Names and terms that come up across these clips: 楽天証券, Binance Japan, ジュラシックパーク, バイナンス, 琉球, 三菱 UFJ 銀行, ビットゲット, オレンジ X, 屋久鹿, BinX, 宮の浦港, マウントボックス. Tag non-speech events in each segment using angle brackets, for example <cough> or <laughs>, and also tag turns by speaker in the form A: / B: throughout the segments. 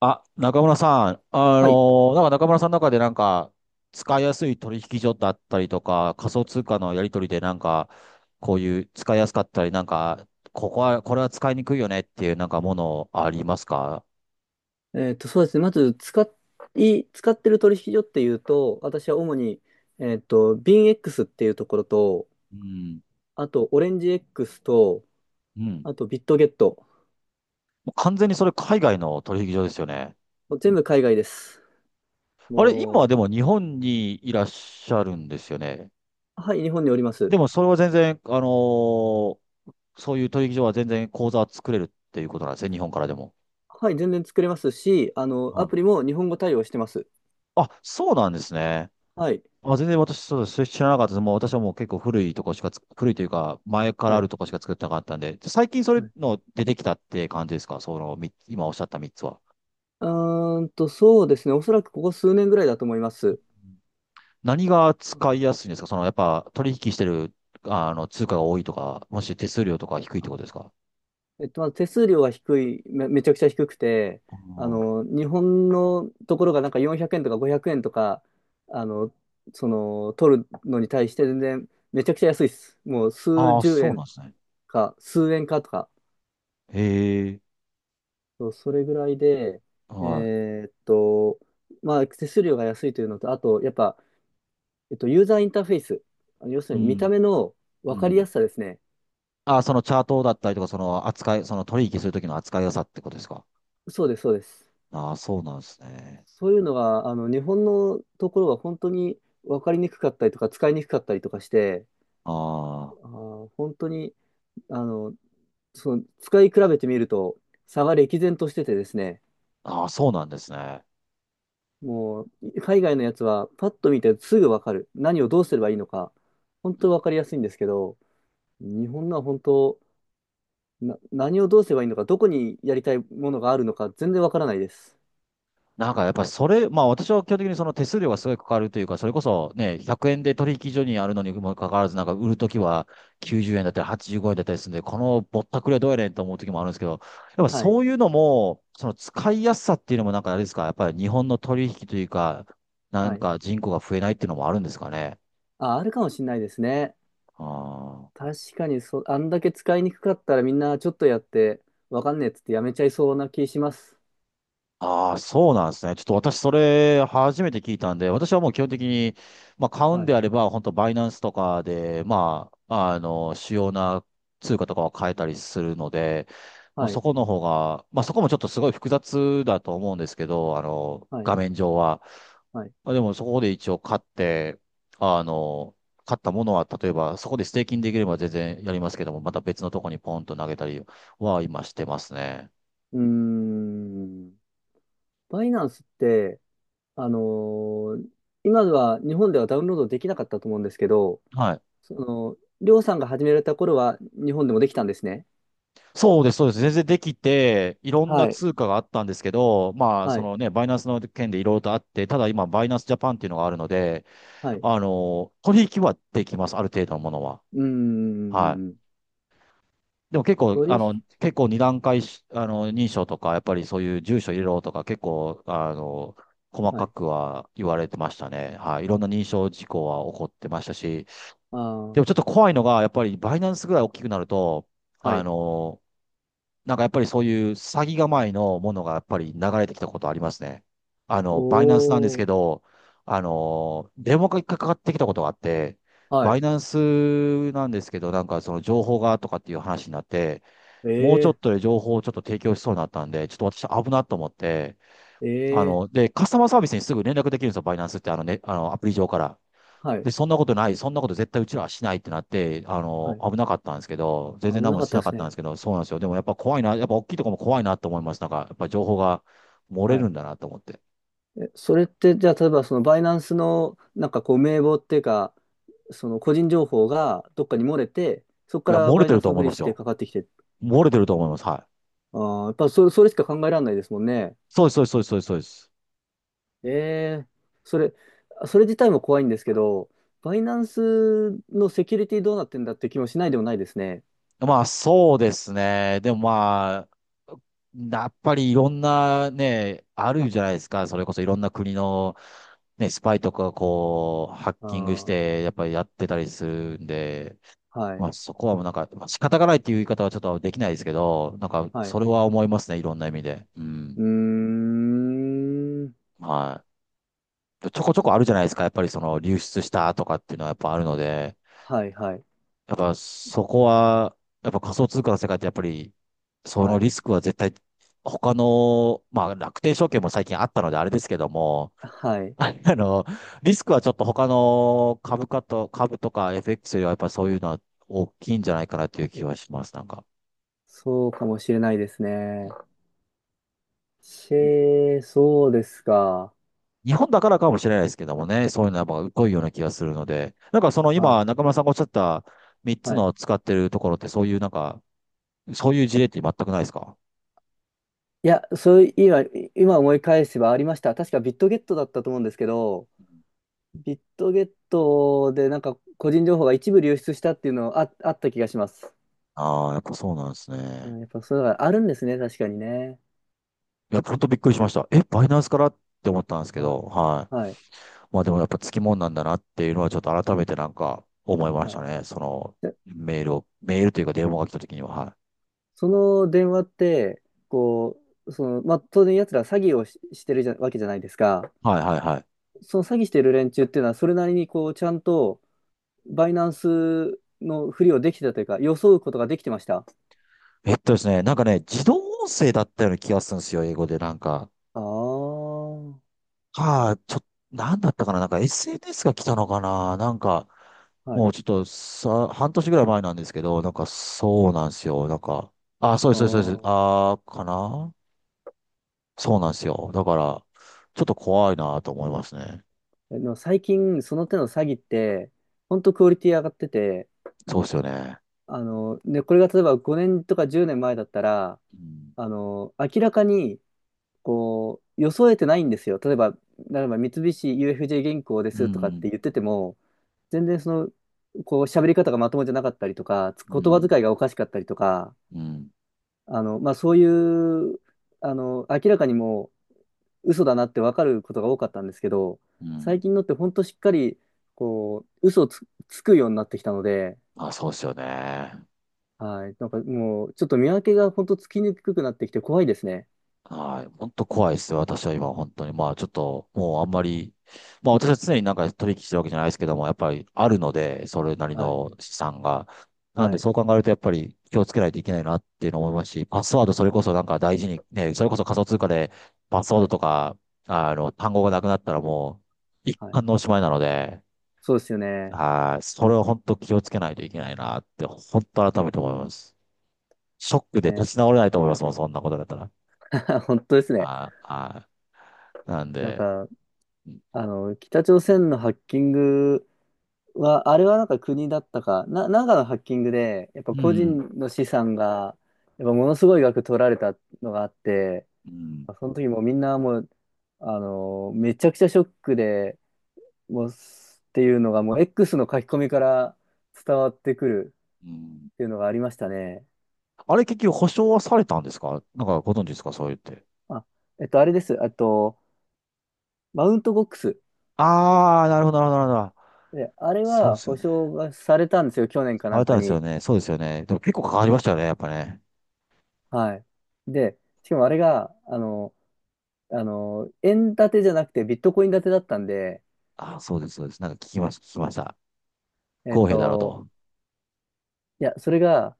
A: あ、中村さん、
B: はい。
A: 中村さんの中でなんか、使いやすい取引所だったりとか、仮想通貨のやり取りでなんか、こういう使いやすかったり、なんか、これは使いにくいよねっていうなんかものありますか？
B: そうですね。まず、使ってる取引所っていうと、私は主に、BinX っていうところと、
A: うん。
B: あと、オレンジ X と、
A: うん。
B: あと、ビットゲット。
A: もう完全にそれ海外の取引所ですよね。
B: もう全部海外です。
A: あれ、今は
B: も
A: でも日本にいらっしゃるんですよね。
B: はい、日本におります。
A: でもそれは全然、そういう取引所は全然口座は作れるっていうことなんですね、日本からでも。
B: はい、全然作れますし、
A: は
B: ア
A: い。
B: プリも日本語対応してます。
A: あ、そうなんですね。
B: はい、
A: あ、全然私、そうです。知らなかったです。もう私はもう結構古いとこしかつ、古いというか、前から
B: は
A: あ
B: い。
A: るとこしか作ってなかったんで、最近それ
B: はい、
A: の出てきたって感じですか？その、今おっしゃった3つは。
B: そうですね。おそらくここ数年ぐらいだと思います。
A: 何が使いやすいんですか？その、やっぱ取引してる、あの、通貨が多いとか、もし手数料とか低いってことですか？
B: まず手数料が低い、めちゃくちゃ低くて、
A: あー。
B: 日本のところがなんか400円とか500円とか、あの、取るのに対して全然めちゃくちゃ安いです。もう数
A: あー、
B: 十
A: そうな
B: 円
A: んですね。
B: か、数円かとか、
A: へえ。
B: そうそれぐらいで、え
A: は
B: ーっと、まあ、手数料が安いというのと、あと、やっぱ、ユーザーインターフェース、あの要す
A: い。
B: る
A: う
B: に見た
A: ん。
B: 目の
A: う
B: 分かりや
A: ん。
B: すさですね。
A: ああ、そのチャートだったりとか、その扱い、その取引するときの扱いやすさってことですか？
B: そうです、そうです。
A: ああー、そうなんですね。
B: そういうのが、日本のところは本当に分かりにくかったりとか、使いにくかったりとかして、
A: あ
B: 本当に、あの、使い比べてみると、差が歴然としててですね、
A: あ、ああ、そうなんですね。
B: もう、海外のやつは、パッと見てすぐ分かる。何をどうすればいいのか、本当分かりやすいんですけど、日本のは本当、何をどうすればいいのか、どこにやりたいものがあるのか、全然分からないです。
A: なんかやっぱりそれ、まあ私は基本的にその手数料がすごいかかるというか、それこそね、100円で取引所にあるのにもかかわらず、なんか売るときは90円だったり85円だったりするんで、このぼったくりはどうやねんと思うときもあるんですけど、やっぱ
B: はい。
A: そういうのも、その使いやすさっていうのもなんかあれですか、やっぱり日本の取引というか、なん
B: はい。
A: か人口が増えないっていうのもあるんですかね。
B: あ、あるかもしれないですね。
A: あー。
B: 確かにそあんだけ使いにくかったらみんなちょっとやって、わかんねえっつってやめちゃいそうな気します。
A: ああ、そうなんですね。ちょっと私、それ、初めて聞いたんで、私はもう基本的に、まあ、買うん
B: はい、
A: であれば、本当バイナンスとかで、まあ、あの、主要な通貨とかを変えたりするので、もう
B: は
A: そ
B: い、
A: この方が、まあ、そこもちょっとすごい複雑だと思うんですけど、あの、
B: は
A: 画
B: い、
A: 面上は。
B: はい。
A: まあでも、そこで一応買って、あの、買ったものは、例えば、そこでステーキングできれば全然やりますけども、また別のとこにポンと投げたりは今してますね。
B: うーん。バイナンスって、あのー今では日本ではダウンロードできなかったと思うんですけど、
A: はい。
B: その、りょうさんが始められた頃は日本でもできたんですね。
A: そうです、そうです。全然できて、いろんな
B: はい、
A: 通貨があったんですけど、まあ、
B: は
A: そ
B: い、
A: のね、バイナンスの件でいろいろとあって、ただ今、バイナンスジャパンっていうのがあるので、
B: はい。う
A: あの、取引はできます、ある程度のものは。
B: ー
A: はい。
B: ん。
A: でも結構、
B: 取
A: あ
B: 引、
A: の、結構二段階し、あの、認証とか、やっぱりそういう住所入れろとか、結構、あの、細
B: は
A: か
B: い。
A: くは言われてましたね。はい。いろんな認証事項は起こってましたし、
B: あ
A: でもちょっ
B: あ、
A: と怖いのが、やっぱりバイナンスぐらい大きくなると、
B: は
A: あ
B: い。
A: の、なんかやっぱりそういう詐欺構えのものがやっぱり流れてきたことありますね。あの、バイナンスなんです
B: お
A: け
B: ー、
A: ど、あの、電話がかかってきたことがあって、
B: は
A: バ
B: い。
A: イナンスなんですけど、なんかその情報がとかっていう話になって、もうちょ
B: え
A: っとで情報をちょっと提供しそうになったんで、ちょっと私危なと思って、
B: え、
A: あ
B: え
A: の、
B: え、
A: で、カスタマーサービスにすぐ連絡できるんですよ、バイナンスって、あのね、あの、アプリ上から。
B: はい。
A: で、そんなこと絶対うちらはしないってなって、あ
B: は
A: の、
B: い
A: 危なかったんですけど、全
B: 危
A: 然何
B: な
A: も
B: かっ
A: し
B: た
A: な
B: で
A: か
B: す
A: ったんで
B: ね。
A: すけど、そうなんですよ。でもやっぱ怖いな、やっぱ大きいとこも怖いなと思います。なんか、やっぱ情報が漏れ
B: は
A: る
B: い。
A: んだなと思って。
B: え、それって、じゃあ、例えば、その、バイナンスの、なんかこう、名簿っていうか、その、個人情報がどっかに漏れて、そこ
A: い
B: か
A: や、
B: ら
A: 漏れ
B: バイ
A: て
B: ナ
A: る
B: ンス
A: と
B: の
A: 思
B: ふ
A: い
B: り
A: ます
B: して
A: よ。
B: かかってきて、
A: 漏れてると思います。はい。
B: ああ、やっぱそれ、それしか考えられないですもんね。
A: そうです、そうです、そうです、そうです。そうです。
B: ええ、それ、それ自体も怖いんですけど、バイナンスのセキュリティどうなってんだって気もしないでもないですね。
A: まあ、そうですね。でもまあ、やっぱりいろんなね、あるじゃないですか。それこそいろんな国の、ね、スパイとかがこう、ハッ
B: あ
A: キングし
B: あ、
A: て、やっぱりやってたりするんで、
B: は
A: ま
B: い、
A: あ、そこはもうなんか、まあ、仕方がないっていう言い方はちょっとできないですけど、なんか、
B: はい。
A: それは思いますね、いろんな意味で。う
B: う
A: ん。
B: ーん、
A: はい。ちょこちょこあるじゃないですか、やっぱりその流出したとかっていうのはやっぱあるので、
B: はい、はい、
A: やっぱそこは、やっぱ仮想通貨の世界ってやっぱり、そ
B: は
A: の
B: い、
A: リスクは絶対、他の、まあ、楽天証券も最近あったのであれですけども、
B: は
A: <laughs>
B: い。
A: あの、リスクはちょっと他の株価と、株とか FX よりはやっぱそういうのは大きいんじゃないかなという気はします、なんか。
B: そうかもしれないですね。シェー、そうですか。
A: 日本だからかもしれないですけどもね、そういうのはやっぱ濃いような気がするので、なんかその
B: は
A: 今、
B: い。
A: 中村さんがおっしゃった3つ
B: はい。
A: の使ってるところって、そういうなんか、そういう事例って全くないですか？
B: いや、そういう、今、今思い返せばありました。確かビットゲットだったと思うんですけど、ビットゲットでなんか個人情報が一部流出したっていうのあ、あった気がします。
A: ああー、やっぱそうなんです
B: う
A: ね。
B: ん、やっぱそういうのがあるんですね、確かにね。
A: いや、ほんとびっくりしました。え、バイナンスからって思ったんですけ
B: はい。
A: ど、は
B: はい。
A: い。まあでもやっぱつきもんなんだなっていうのはちょっと改めてなんか思いまし
B: は
A: た
B: い。
A: ね。その
B: で、
A: メールというか電話が来た時には、
B: その電話って、こう、その、まあ、当然奴ら詐欺をしてるじゃ、わけじゃないですか。
A: はい。はいはいはい。
B: その詐欺してる連中っていうのは、それなりにこう、ちゃんと、バイナンスのふりをできてたというか、装うことができてました。
A: えっとですね、なんかね、自動音声だったような気がするんですよ、英語でなんか。
B: ああ、は
A: か、ちょ、なんだったかな、なんか SNS が来たのかな、なんか、も
B: い。
A: うちょっとさ、半年ぐらい前なんですけど、なんかそうなんですよ。なんか、あ、そうで
B: あ
A: す、そうです、そうです。
B: ー
A: あー、かな、そうなんですよ。だから、ちょっと怖いなと思いますね。
B: えでも最近、その手の詐欺って、ほんとクオリティ上がってて、
A: そうですよね。
B: ね、これが例えば5年とか10年前だったら、
A: うん、
B: 明らかに、こう、装えてないんですよ。例えば、例えば三菱 UFJ 銀行で
A: う
B: すとかっ
A: ん、
B: て言ってても、全然その、こう、喋り方がまともじゃなかったりとか、
A: う
B: 言葉
A: ん、
B: 遣いがおかしかったりとか、
A: うん、
B: まあ、そういう、明らかにもう嘘だなって分かることが多かったんですけど、
A: うん。
B: 最近のって本当しっかり、こう、嘘をつ、つくようになってきたので、
A: あ、そうですよね。
B: はい。なんかもう、ちょっと見分けが本当つきにくくなってきて怖いですね。
A: はい。本当怖いですよ。私は今、本当に。まあ、ちょっと、もうあんまり、まあ、私は常になんか取引してるわけじゃないですけども、やっぱりあるので、それなり
B: はい。
A: の資産が。なん
B: は
A: で、
B: い。
A: そう考えると、やっぱり気をつけないといけないなっていうのを思いますし、パスワード、それこそなんか大事に、ね、それこそ仮想通貨で、パスワー
B: は
A: ド
B: い。
A: とか、あの、単語がなくなったら一
B: はい。
A: 貫のおしまいなので、
B: そうですよね。
A: はい。それを本当気をつけないといけないなって、本当改めて思います。ショックで
B: ね。
A: 立ち直れないと思いますもん、そんなことだったら。
B: <laughs> 本当ですね。
A: はい。はい。なん
B: なん
A: で、
B: か、
A: うん。
B: 北朝鮮のハッキングは、あれはなんか国だったか、なんかのハッキングで、やっぱ個人の資産が、やっぱものすごい額取られたのがあって、
A: うん。
B: その時もうみんなもう、あのめちゃくちゃショックで、もうす、っていうのがもう X の書き込みから伝わってくる
A: うん。
B: っていうのがありましたね。
A: あれ結局保証はされたんですか？なんかご存知ですか？そう言って。
B: まあ、あれです。あと、マウントボックス。
A: ああ、なるほど、なるほど、なるほど。
B: で、あれ
A: そう
B: は
A: ですよ
B: 保
A: ね。
B: 証がされたんですよ。去年か
A: さ
B: な
A: れ
B: ん
A: た
B: か
A: んですよ
B: に。
A: ね。そうですよね。でも結構かかりましたよね、やっぱね。
B: はい。で、しかもあれが、円建てじゃなくてビットコイン建てだったんで、
A: ああ、そうです、そうです。なんか聞きました、聞きました。不
B: えっ
A: 公平だろう
B: と、
A: と。
B: いや、それが、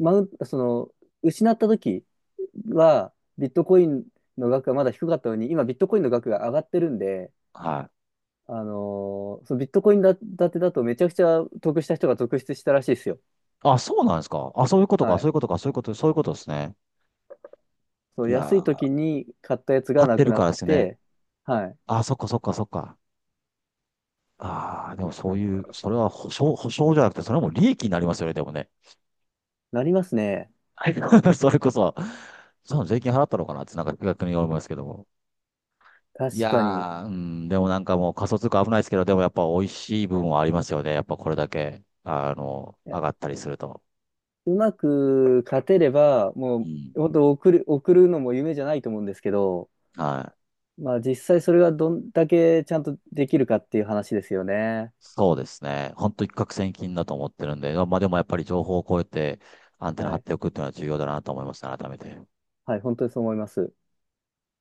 B: マウンその、失った時は、ビットコインの額がまだ低かったのに、今ビットコインの額が上がってるんで、
A: はい。
B: そのビットコイン建てだとめちゃくちゃ得した人が続出したらしいですよ。
A: あ、そうなんですか。あ、そういうことか、
B: は
A: そ
B: い。
A: ういうことか、そういうこと、そういうことですね。
B: そう、
A: いや
B: 安い時
A: ー、
B: に買ったやつが
A: 買っ
B: な
A: て
B: く
A: る
B: な
A: か
B: っ
A: らですね。
B: て、はい。
A: あ、そっか、そっか、そっか。ああ、でもそういう、それは保証、保証じゃなくて、それはもう利益になりますよね、でもね。
B: なりますね。
A: はい。 <laughs> それこそ、その税金払ったのかなってなんか逆に思いますけども。い
B: 確かに。
A: やー、うん、でもなんかもう仮想通貨危ないですけど、でもやっぱ美味しい部分はありますよね。やっぱこれだけ、あの、上がったりすると。
B: うまく勝てれば、も
A: うん。
B: う、本当送る、送るのも夢じゃないと思うんですけど、
A: はい。
B: まあ実際それがどんだけちゃんとできるかっていう話ですよね。
A: そうですね。本当一攫千金だと思ってるんで、まあでもやっぱり情報を超えてアンテナ
B: は
A: 張っ
B: い。
A: ておくっていうのは重要だなと思いましたね、改めて。
B: はい、本当にそう思います。